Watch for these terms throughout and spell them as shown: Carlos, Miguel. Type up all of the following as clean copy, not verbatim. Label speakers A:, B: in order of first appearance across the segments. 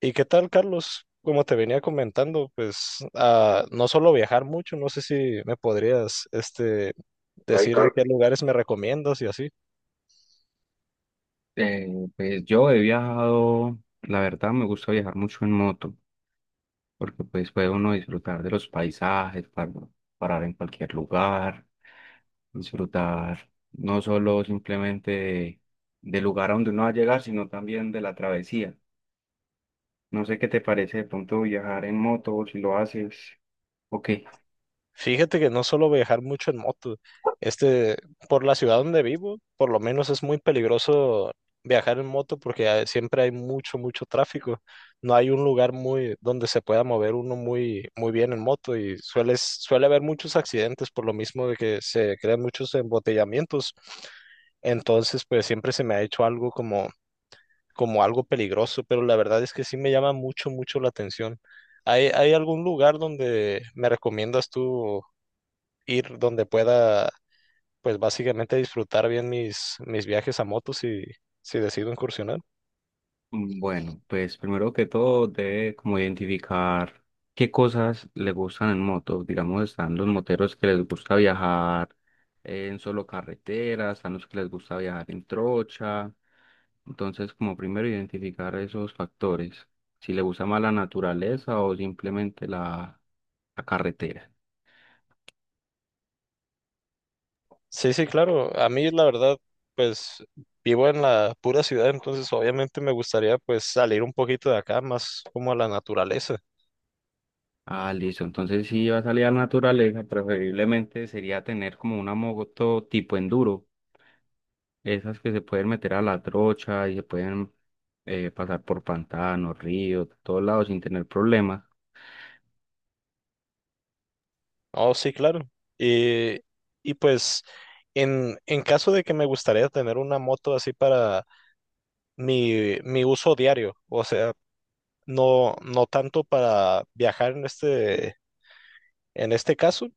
A: ¿Y qué tal, Carlos? Como te venía comentando, pues no solo viajar mucho, no sé si me podrías
B: Ahí,
A: decir de qué
B: Carlos.
A: lugares me recomiendas y así.
B: Eh, pues yo he viajado, la verdad me gusta viajar mucho en moto, porque pues puede uno disfrutar de los paisajes, parar en cualquier lugar, disfrutar no solo simplemente del lugar a donde uno va a llegar, sino también de la travesía. No sé qué te parece de pronto viajar en moto, si lo haces, ok.
A: Fíjate que no suelo viajar mucho en moto. Este, por la ciudad donde vivo, por lo menos es muy peligroso viajar en moto porque siempre hay mucho tráfico. No hay un lugar muy donde se pueda mover uno muy bien en moto y suele haber muchos accidentes por lo mismo de que se crean muchos embotellamientos. Entonces, pues siempre se me ha hecho algo como algo peligroso, pero la verdad es que sí me llama mucho la atención. Hay algún lugar donde me recomiendas tú ir donde pueda, pues básicamente disfrutar bien mis viajes a moto si decido incursionar?
B: Mm, bueno, pues primero que todo debe como identificar qué cosas le gustan en moto. Digamos, están los moteros que les gusta viajar en solo carretera, están los que les gusta viajar en trocha. Entonces, como primero identificar esos factores, si le gusta más la naturaleza o simplemente la carretera.
A: Sí, sí, claro. A mí la verdad, pues vivo en la pura ciudad, entonces obviamente me gustaría pues salir un poquito de acá, más como a la naturaleza.
B: Ah, listo. Entonces, si va a salir a la naturaleza, preferiblemente sería tener como una moto tipo enduro. Esas que se pueden meter a la trocha y se pueden pasar por pantanos, ríos, todos lados sin tener problemas.
A: Oh, sí, claro. Y, y pues en caso de que me gustaría tener una moto así para mi uso diario, o sea, no tanto para viajar en este. En este caso,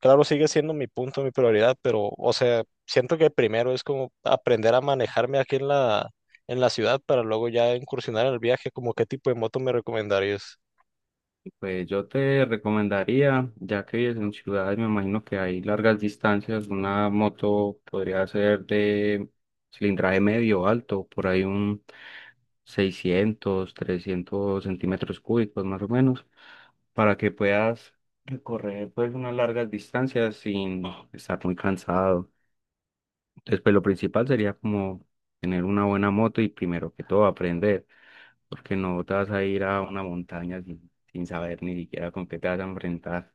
A: claro, sigue siendo mi punto, mi prioridad, pero, o sea, siento que primero es como aprender a manejarme aquí en en la ciudad para luego ya incursionar en el viaje, como qué tipo de moto me recomendarías.
B: Pues yo te recomendaría, ya que vives en ciudades, me imagino que hay largas distancias, una moto podría ser de cilindraje medio o alto, por ahí un 600, 300 centímetros cúbicos más o menos, para que puedas recorrer pues unas largas distancias sin estar muy cansado. Entonces, pues lo principal sería como tener una buena moto y primero que todo aprender, porque no te vas a ir a una montaña sin saber ni siquiera con qué te vas a enfrentar,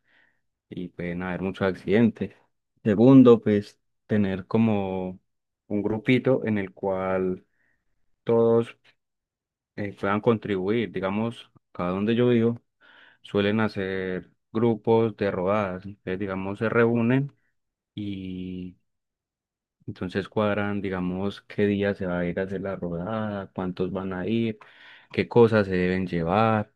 B: y pueden haber muchos accidentes. Segundo, pues tener como un grupito en el cual todos puedan contribuir. Digamos, acá donde yo vivo, suelen hacer grupos de rodadas. Entonces, digamos, se reúnen y entonces cuadran, digamos, qué día se va a ir a hacer la rodada, cuántos van a ir, qué cosas se deben llevar,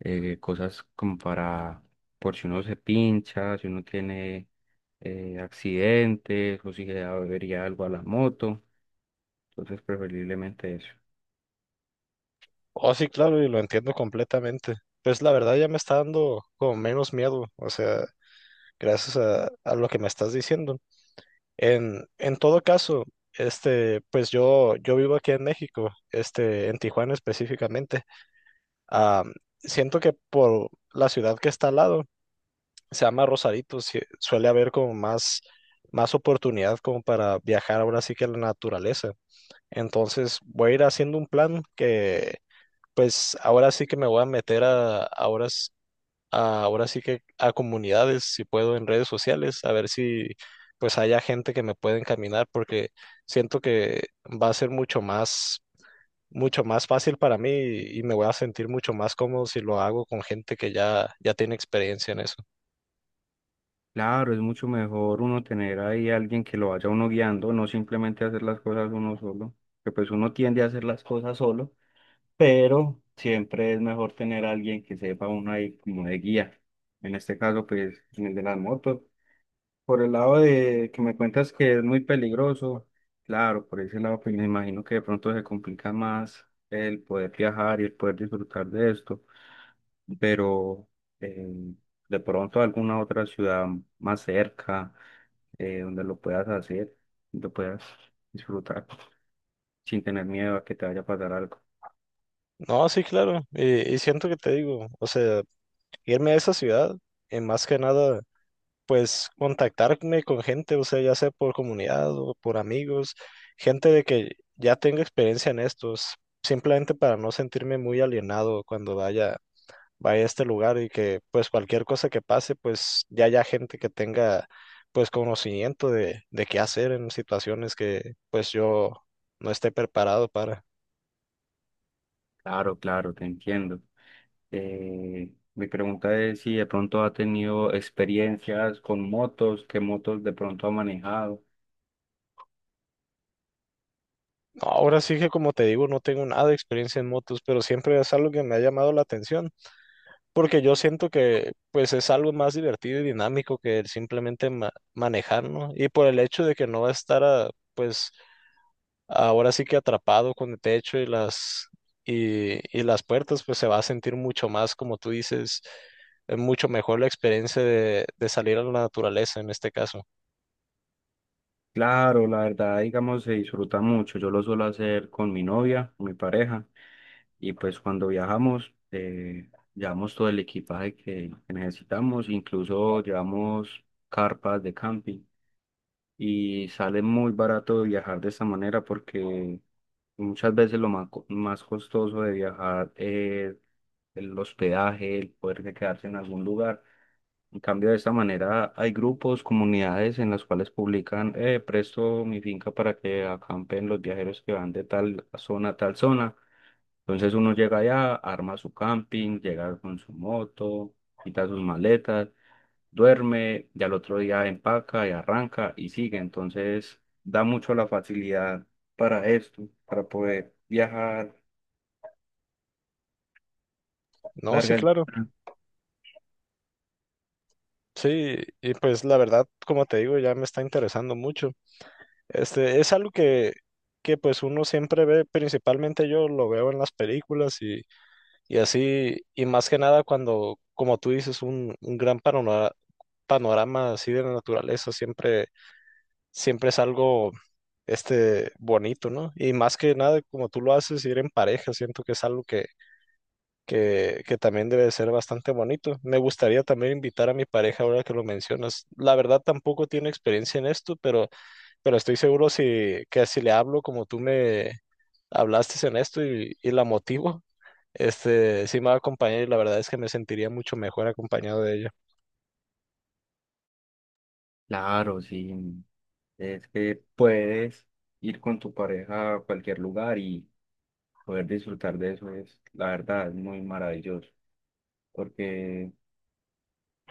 B: cosas como para, por si uno se pincha, si uno tiene accidentes o si le da avería algo a la moto. Entonces preferiblemente eso.
A: Oh, sí, claro, y lo entiendo completamente. Pues la verdad ya me está dando como menos miedo, o sea, gracias a lo que me estás diciendo. En todo caso, pues yo vivo aquí en México, este, en Tijuana específicamente. Ah, siento que por la ciudad que está al lado, sea más rosadito, sí, suele haber como más oportunidad como para viajar ahora sí que a la naturaleza. Entonces voy a ir haciendo un plan que pues ahora sí que me voy a meter a, ahora, s- a- ahora sí que a comunidades, si puedo, en redes sociales, a ver si pues haya gente que me pueda encaminar porque siento que va a ser mucho mucho más fácil para mí y me voy a sentir mucho más cómodo si lo hago con gente que ya tiene experiencia en eso.
B: Claro, es mucho mejor uno tener ahí alguien que lo vaya uno guiando, no simplemente hacer las cosas uno solo, que pues uno tiende a hacer las cosas solo. Pero siempre es mejor tener a alguien que sepa uno ahí como de guía. En este caso, pues, en el de las motos. Por el lado de que me cuentas que es muy peligroso, claro, por ese lado, pues me imagino que de pronto se complica más el poder viajar y el poder disfrutar de esto, pero eh, de pronto alguna otra ciudad más cerca, donde lo puedas hacer, lo puedas disfrutar sin tener miedo a que te vaya a pasar algo.
A: No, sí, claro. Y siento que te digo, o sea, irme a esa ciudad, y más que nada, pues contactarme con gente, o sea, ya sea por comunidad o por amigos, gente de que ya tenga experiencia en estos, simplemente para no sentirme muy alienado cuando vaya a este lugar y que pues cualquier cosa que pase, pues ya haya gente que tenga pues conocimiento de qué hacer en situaciones que pues yo no esté preparado para.
B: Claro, claro, te entiendo. Eh, Mi pregunta es si de pronto ha tenido experiencias con motos, qué motos de pronto ha manejado.
A: Ahora sí que como te digo, no tengo nada de experiencia en motos, pero siempre es algo que me ha llamado la atención, porque yo siento que pues es algo más divertido y dinámico que el simplemente manejar, ¿no? Y por el hecho de que no va a estar a, pues ahora sí que atrapado con el techo y y las puertas, pues se va a sentir mucho más, como tú dices, mucho mejor la experiencia de salir a la naturaleza en este caso.
B: Claro, la verdad, digamos, se disfruta mucho. Yo lo suelo hacer con mi novia, mi pareja, y pues cuando viajamos, llevamos todo el equipaje que necesitamos, incluso llevamos carpas de camping. Y sale muy barato viajar de esta manera porque muchas veces lo más, más costoso de viajar es el hospedaje, el poder de quedarse en algún lugar. En cambio, de esta manera hay grupos, comunidades en las cuales publican, presto mi finca para que acampen los viajeros que van de tal zona a tal zona. Entonces uno llega allá, arma su camping, llega con su moto, quita sus maletas, duerme, y al otro día empaca y arranca y sigue. Entonces da mucho la facilidad para esto, para poder viajar
A: No, sí,
B: largas.
A: claro. Sí, y pues la verdad, como te digo, ya me está interesando mucho. Es algo que pues uno siempre ve, principalmente yo lo veo en las películas y así, y más que nada cuando, como tú dices, un gran panorama así de la naturaleza siempre es algo bonito, ¿no? Y más que nada, como tú lo haces, ir en pareja, siento que es algo que también debe de ser bastante bonito. Me gustaría también invitar a mi pareja ahora que lo mencionas. La verdad tampoco tiene experiencia en esto, pero estoy seguro que si le hablo como tú me hablaste en esto y la motivo, sí me va a acompañar y la verdad es que me sentiría mucho mejor acompañado de ella.
B: Claro, sí, es que puedes ir con tu pareja a cualquier lugar y poder disfrutar de eso es, la verdad, es muy maravilloso, porque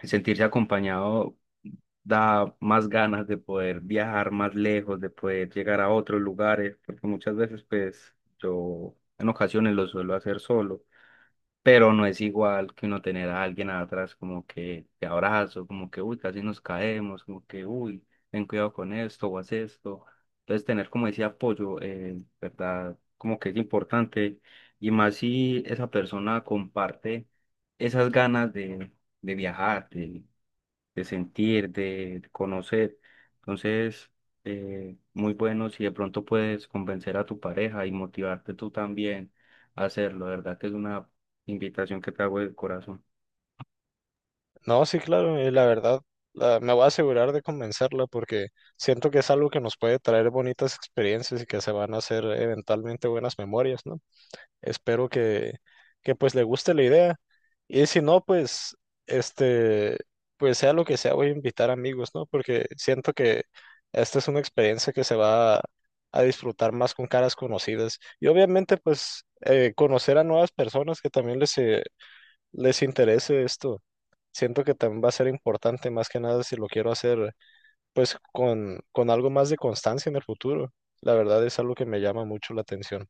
B: sentirse acompañado da más ganas de poder viajar más lejos, de poder llegar a otros lugares, porque muchas veces, pues, yo en ocasiones lo suelo hacer solo, pero no es igual que uno tener a alguien atrás como que te abrazo, como que, uy, casi nos caemos, como que, uy, ten cuidado con esto o haz esto. Entonces, tener como ese apoyo, ¿verdad? Como que es importante, y más si esa persona comparte esas ganas de viajar, de sentir, de conocer. Entonces, muy bueno si de pronto puedes convencer a tu pareja y motivarte tú también a hacerlo. De verdad que es una invitación que te hago del corazón.
A: No, sí, claro, y la verdad, me voy a asegurar de convencerla porque siento que es algo que nos puede traer bonitas experiencias y que se van a hacer eventualmente buenas memorias, ¿no? Espero que pues le guste la idea. Y si no, pues, este, pues sea lo que sea, voy a invitar amigos, ¿no? Porque siento que esta es una experiencia que se va a disfrutar más con caras conocidas. Y obviamente, pues, conocer a nuevas personas que también les interese esto. Siento que también va a ser importante, más que nada, si lo quiero hacer, pues, con algo más de constancia en el futuro. La verdad es algo que me llama mucho la atención.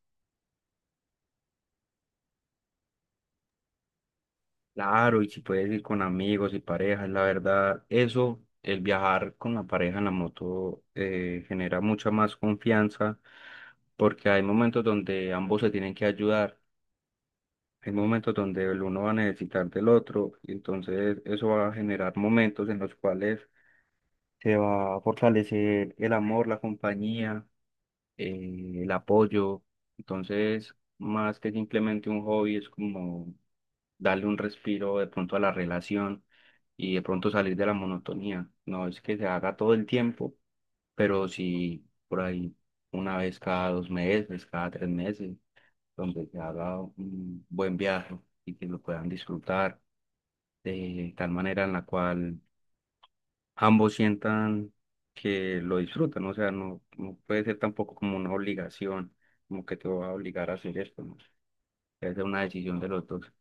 B: Claro, y si puedes ir con amigos y parejas, la verdad, eso, el viajar con la pareja en la moto genera mucha más confianza porque hay momentos donde ambos se tienen que ayudar. Hay momentos donde el uno va a necesitar del otro y entonces eso va a generar momentos en los cuales se va a fortalecer el amor, la compañía, el apoyo. Entonces, más que simplemente un hobby, es como darle un respiro de pronto a la relación y de pronto salir de la monotonía. No es que se haga todo el tiempo, pero sí por ahí una vez cada 2 meses, cada 3 meses, donde se haga un buen viaje y que lo puedan disfrutar de tal manera en la cual ambos sientan que lo disfrutan, o sea, no, no puede ser tampoco como una obligación, como que te va a obligar a hacer esto, ¿no? Es de una decisión de los dos.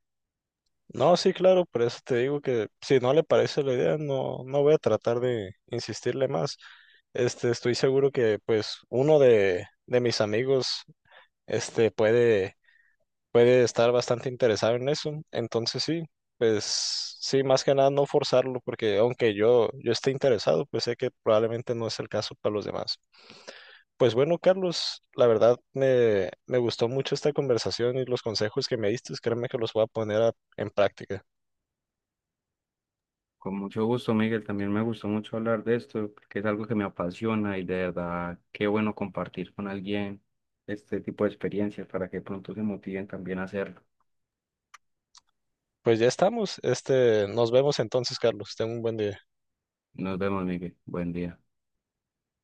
A: No, sí, claro, por eso te digo que si no le parece la idea, no, no voy a tratar de insistirle más. Este, estoy seguro que pues uno de mis amigos este puede, puede estar bastante interesado en eso. Entonces sí, pues sí, más que nada no forzarlo, porque aunque yo esté interesado, pues sé que probablemente no es el caso para los demás. Pues bueno, Carlos, la verdad me gustó mucho esta conversación y los consejos que me diste, créeme que los voy a en práctica.
B: Con mucho gusto, Miguel, también me gustó mucho hablar de esto, porque es algo que me apasiona y de verdad, qué bueno compartir con alguien este tipo de experiencias para que pronto se motiven también a hacerlo.
A: Pues ya estamos. Este, nos vemos entonces, Carlos. Ten un buen día.
B: Nos vemos, Miguel. Buen día.